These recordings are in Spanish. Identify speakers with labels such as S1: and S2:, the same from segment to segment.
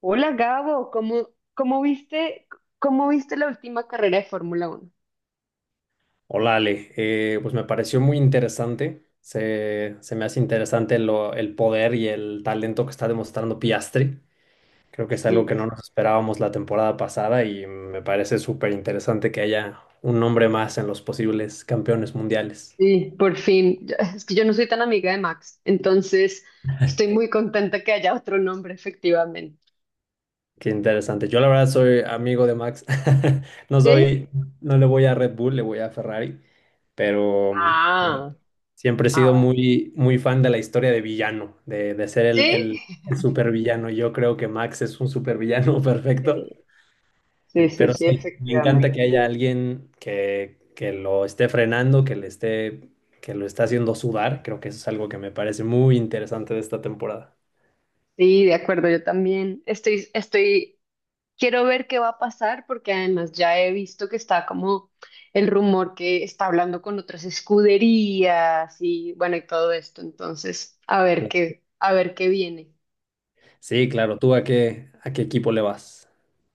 S1: Hola Gabo, cómo viste, ¿cómo viste la última carrera de Fórmula Uno?
S2: Hola Ale, pues me pareció muy interesante, se me hace interesante el poder y el talento que está demostrando Piastri, creo que es algo que
S1: Sí,
S2: no nos esperábamos la temporada pasada y me parece súper interesante que haya un nombre más en los posibles campeones mundiales.
S1: sí, por fin. Es que yo no soy tan amiga de Max, entonces estoy muy contenta que haya otro nombre, efectivamente.
S2: Qué interesante, yo la verdad soy amigo de Max, no soy,
S1: ¿Sí?
S2: no le voy a Red Bull, le voy a Ferrari, pero
S1: Ah,
S2: siempre he
S1: ah,
S2: sido
S1: bueno.
S2: muy fan de la historia de villano, de ser
S1: ¿Sí?
S2: el supervillano. Yo creo que Max es un supervillano perfecto.
S1: Sí, sí, sí,
S2: Pero
S1: sí,
S2: sí, me encanta
S1: efectivamente.
S2: que haya alguien que lo esté frenando, que le esté, que lo está haciendo sudar. Creo que eso es algo que me parece muy interesante de esta temporada.
S1: Sí, de acuerdo, yo también estoy. Quiero ver qué va a pasar porque además ya he visto que está como el rumor que está hablando con otras escuderías y bueno, y todo esto. Entonces, a ver qué viene.
S2: Sí, claro. ¿Tú a qué equipo le vas?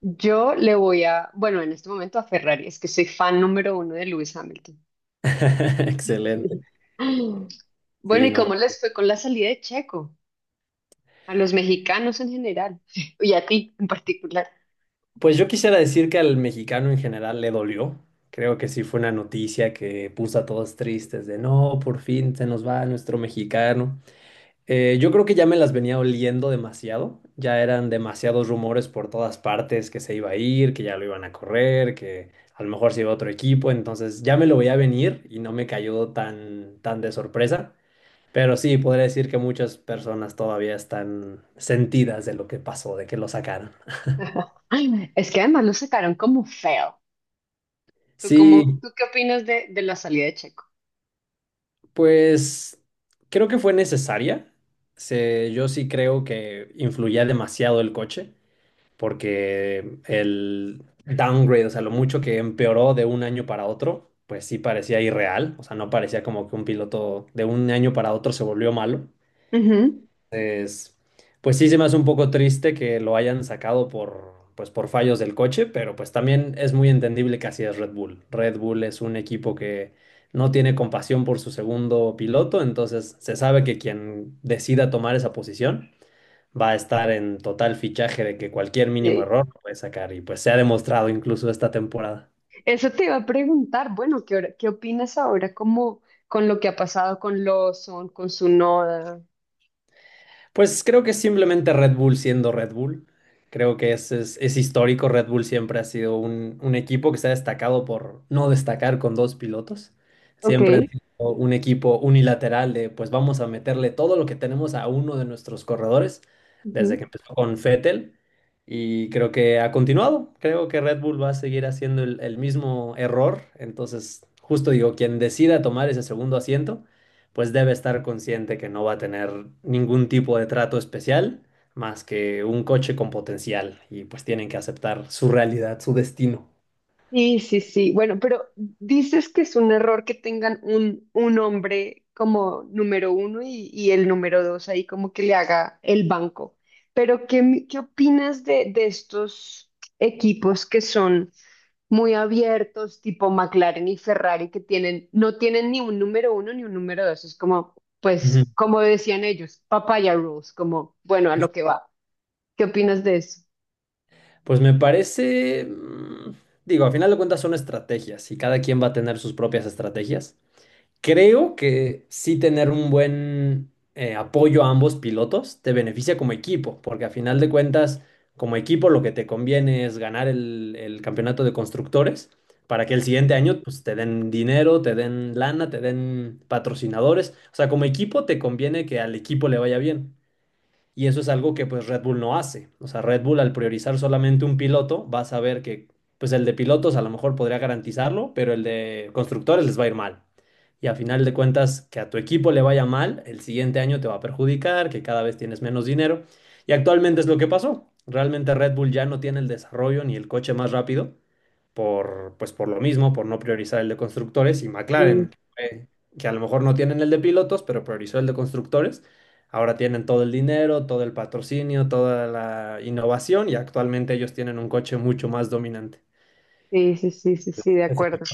S1: Yo le voy a, bueno, en este momento a Ferrari, es que soy fan número uno de Lewis Hamilton.
S2: Excelente.
S1: Bueno,
S2: Sí,
S1: ¿y
S2: no,
S1: cómo les fue con la salida de Checo? A los mexicanos en general y a ti en particular.
S2: pues yo quisiera decir que al mexicano en general le dolió. Creo que sí fue una noticia que puso a todos tristes de no, por fin se nos va nuestro mexicano. Yo creo que ya me las venía oliendo demasiado. Ya eran demasiados rumores por todas partes que se iba a ir, que ya lo iban a correr, que a lo mejor se iba a otro equipo. Entonces ya me lo veía venir y no me cayó tan de sorpresa. Pero sí, podría decir que muchas personas todavía están sentidas de lo que pasó, de que lo sacaron.
S1: Es que además lo sacaron como feo. ¿Tú, cómo,
S2: Sí,
S1: tú qué opinas de la salida de Checo?
S2: pues creo que fue necesaria. Yo sí creo que influía demasiado el coche, porque el downgrade, o sea, lo mucho que empeoró de un año para otro, pues sí parecía irreal. O sea, no parecía como que un piloto de un año para otro se volvió malo.
S1: Ujú.
S2: Entonces, pues sí se me hace un poco triste que lo hayan sacado por, pues por fallos del coche, pero pues también es muy entendible que así es Red Bull. Red Bull es un equipo que no tiene compasión por su segundo piloto, entonces se sabe que quien decida tomar esa posición va a estar en total fichaje de que cualquier mínimo
S1: Sí.
S2: error lo puede sacar y pues se ha demostrado incluso esta temporada.
S1: Eso te iba a preguntar, bueno, ¿qué opinas ahora como con lo que ha pasado con Lawson, con su noda.
S2: Pues creo que es simplemente Red Bull siendo Red Bull. Creo que es histórico. Red Bull siempre ha sido un equipo que se ha destacado por no destacar con dos pilotos. Siempre
S1: Ok.
S2: han sido un equipo unilateral de pues vamos a meterle todo lo que tenemos a uno de nuestros corredores desde que
S1: Ujú.
S2: empezó con Vettel. Y creo que ha continuado. Creo que Red Bull va a seguir haciendo el mismo error. Entonces, justo digo, quien decida tomar ese segundo asiento pues debe estar consciente que no va a tener ningún tipo de trato especial más que un coche con potencial y pues tienen que aceptar su realidad, su destino.
S1: Sí, sí, sí. Bueno, pero dices que es un error que tengan un hombre como número uno y el número dos ahí como que le haga el banco. Pero ¿qué opinas de estos equipos que son muy abiertos, tipo McLaren y Ferrari, que no tienen ni un número uno ni un número dos? Es como,
S2: Ujú.
S1: pues, como decían ellos, papaya rules, como, bueno, a
S2: Es-
S1: lo que va. ¿Qué opinas de eso?
S2: Pues me parece, digo, a final de cuentas son estrategias y cada quien va a tener sus propias estrategias. Creo que sí tener un buen apoyo a ambos pilotos te beneficia como equipo, porque a final de cuentas, como equipo lo que te conviene es ganar el campeonato de constructores para que el siguiente año pues, te den dinero, te den lana, te den patrocinadores. O sea, como equipo te conviene que al equipo le vaya bien. Y eso es algo que pues Red Bull no hace. O sea, Red Bull al priorizar solamente un piloto va a saber que pues el de pilotos a lo mejor podría garantizarlo, pero el de constructores les va a ir mal. Y a final de cuentas, que a tu equipo le vaya mal, el siguiente año te va a perjudicar, que cada vez tienes menos dinero. Y actualmente es lo que pasó. Realmente Red Bull ya no tiene el desarrollo ni el coche más rápido, por, pues por lo mismo, por no priorizar el de constructores, y
S1: Sí,
S2: McLaren, que a lo mejor no tienen el de pilotos, pero priorizó el de constructores. Ahora tienen todo el dinero, todo el patrocinio, toda la innovación y actualmente ellos tienen un coche mucho más dominante.
S1: sí, sí, sí, sí, sí, de
S2: Eso,
S1: acuerdo.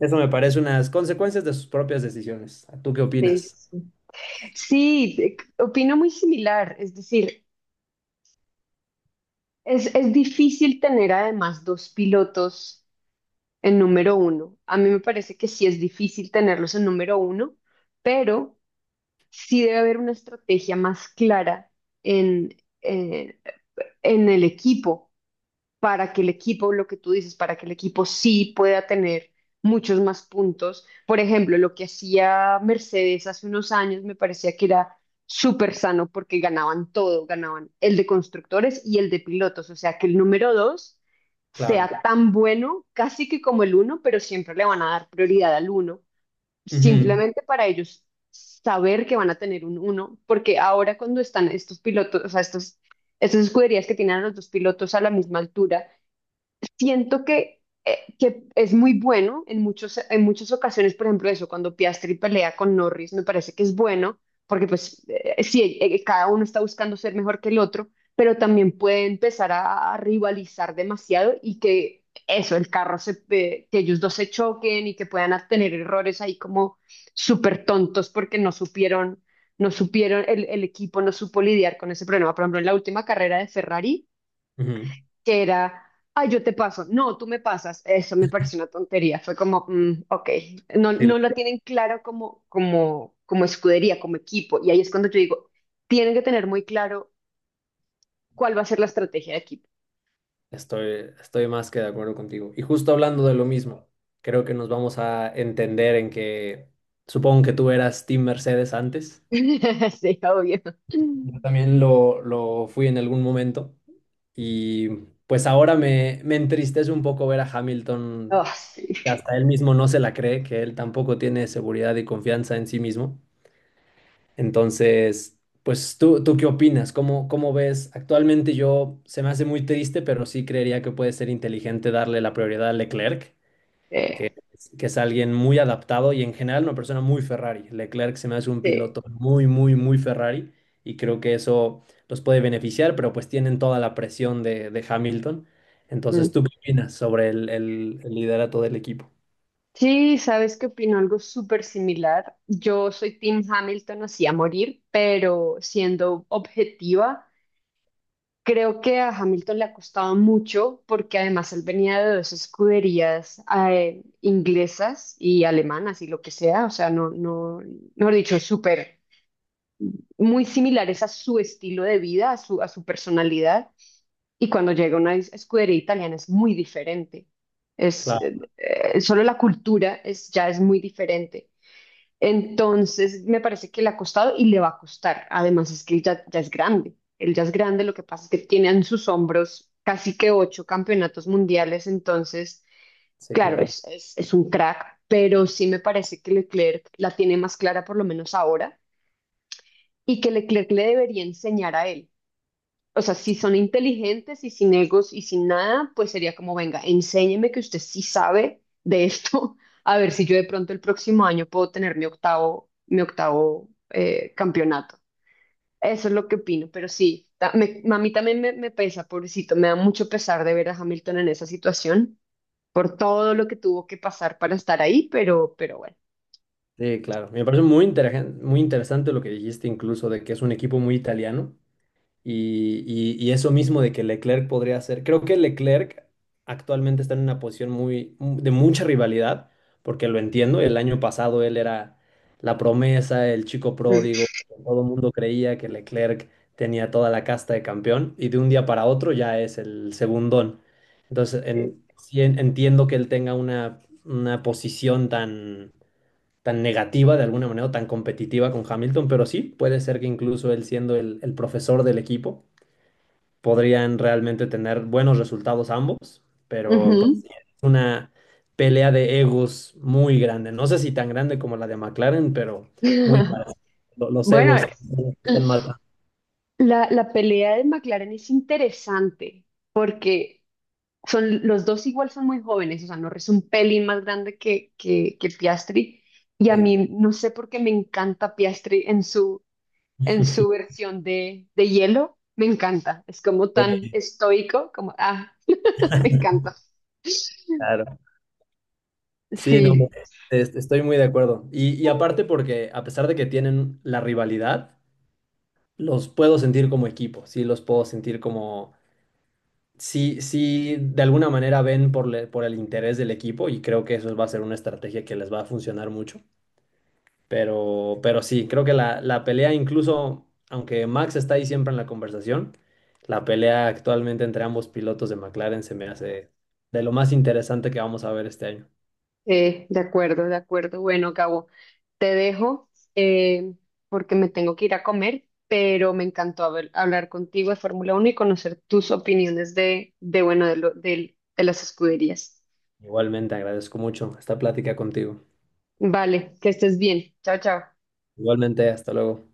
S2: eso me parece unas consecuencias de sus propias decisiones. ¿Tú qué
S1: Sí,
S2: opinas?
S1: sí, sí, sí, opino muy similar. Es decir, es difícil tener además dos pilotos en número uno. A mí me parece que sí es difícil tenerlos en número uno, pero sí debe haber una estrategia más clara en, eh, en el equipo para que el equipo, lo que tú dices, para que el equipo sí pueda tener muchos más puntos. Por ejemplo, lo que hacía Mercedes hace unos años me parecía que era súper sano porque ganaban todo, ganaban el de constructores y el de pilotos, o sea que el número dos
S2: Claro.
S1: sea tan bueno, casi que como el uno, pero siempre le van a dar prioridad al uno
S2: Ujú,
S1: simplemente para ellos saber que van a tener un uno, porque ahora cuando están estos pilotos, o sea, estas escuderías que tienen a los dos pilotos a la misma altura, siento que es muy bueno en en muchas ocasiones, por ejemplo, eso, cuando Piastri pelea con Norris, me parece que es bueno, porque pues sí, cada uno está buscando ser mejor que el otro, pero también puede empezar a rivalizar demasiado y que eso, que ellos dos se choquen y que puedan tener errores ahí como súper tontos porque no supieron, el equipo no supo lidiar con ese problema. Por ejemplo, en la última carrera de Ferrari
S2: ujú.
S1: que era, ay, yo te paso, no, tú me pasas. Eso me pareció una tontería. Fue como, ok, no,
S2: Sí,
S1: no lo tienen claro como escudería, como equipo. Y ahí es cuando yo digo, tienen que tener muy claro cuál va a ser la estrategia de equipo.
S2: estoy, estoy más que de acuerdo contigo. Y justo hablando de lo mismo, creo que nos vamos a entender en que supongo que tú eras Team Mercedes antes.
S1: Sí, obvio.
S2: Yo también lo fui en algún momento. Y pues ahora me entristece un poco ver a
S1: Oh,
S2: Hamilton,
S1: sí.
S2: que hasta él mismo no se la cree, que él tampoco tiene seguridad y confianza en sí mismo. Entonces, pues tú, ¿tú qué opinas? ¿Cómo, cómo ves? Actualmente yo se me hace muy triste, pero sí creería que puede ser inteligente darle la prioridad a Leclerc
S1: Eh,
S2: que es alguien muy adaptado y en general una persona muy Ferrari. Leclerc se me hace un
S1: sí.
S2: piloto muy Ferrari y creo que eso los puede beneficiar, pero pues tienen toda la presión de Hamilton.
S1: Mm.
S2: Entonces, ¿tú qué opinas sobre el liderato del equipo?
S1: Sí, ¿sabes que opino? Algo súper similar. Yo soy Team Hamilton, así a morir, pero siendo objetiva. Creo que a Hamilton le ha costado mucho porque además él venía de dos escuderías inglesas y alemanas y lo que sea, o sea, no, no, mejor dicho, muy similares a su estilo de vida, a su personalidad. Y cuando llega a una escudería italiana es muy diferente.
S2: Claro,
S1: Solo la cultura ya es muy diferente. Entonces, me parece que le ha costado y le va a costar. Además, es que él ya es grande. Él ya es grande, lo que pasa es que tiene en sus hombros casi que ocho campeonatos mundiales. Entonces,
S2: sí,
S1: claro,
S2: claro.
S1: es un crack, pero sí me parece que Leclerc la tiene más clara, por lo menos ahora, y que Leclerc le debería enseñar a él. O sea, si son inteligentes y sin egos y sin nada, pues sería como, venga, enséñeme que usted sí sabe de esto, a ver si yo de pronto el próximo año puedo tener mi octavo, campeonato. Eso es lo que opino, pero sí, a mí también me pesa, pobrecito, me da mucho pesar de ver a Hamilton en esa situación, por todo lo que tuvo que pasar para estar ahí, pero, bueno.
S2: Sí, claro. Me parece muy interesante lo que dijiste incluso de que es un equipo muy italiano. Y eso mismo de que Leclerc podría hacer. Creo que Leclerc actualmente está en una posición muy de mucha rivalidad, porque lo entiendo. El año pasado él era la promesa, el chico
S1: Mm.
S2: pródigo. Todo el mundo creía que Leclerc tenía toda la casta de campeón y de un día para otro ya es el segundón. Entonces,
S1: Sí.
S2: sí entiendo que él tenga una posición tan, tan negativa de alguna manera, o tan competitiva con Hamilton, pero sí, puede ser que incluso él siendo el profesor del equipo podrían realmente tener buenos resultados ambos, pero
S1: Ujú.
S2: pues es una pelea de egos muy grande. No sé si tan grande como la de McLaren, pero muy parecida. Los
S1: Bueno,
S2: egos están matando.
S1: la pelea de McLaren es interesante porque los dos igual son muy jóvenes, o sea, Norris es un pelín más grande que Piastri, y a
S2: Sí,
S1: mí no sé por qué me encanta Piastri en su versión de hielo, me encanta, es como
S2: sí,
S1: tan estoico, como, ah, me encanta.
S2: claro. Sí, no,
S1: Sí.
S2: estoy muy de acuerdo. Y aparte porque a pesar de que tienen la rivalidad, los puedo sentir como equipo, sí, los puedo sentir como... Sí, sí, de alguna manera ven por, por el interés del equipo y creo que eso va a ser una estrategia que les va a funcionar mucho. Pero sí, creo que la pelea, incluso aunque Max está ahí siempre en la conversación, la pelea actualmente entre ambos pilotos de McLaren se me hace de lo más interesante que vamos a ver este año.
S1: De acuerdo, de acuerdo. Bueno, Gabo, te dejo eh, porque me tengo que ir a comer, pero me encantó hablar contigo de Fórmula uno y conocer tus opiniones de bueno, de las escuderías.
S2: Igualmente, agradezco mucho esta plática contigo.
S1: Vale, que estés bien. Chao, chao.
S2: Igualmente, hasta luego.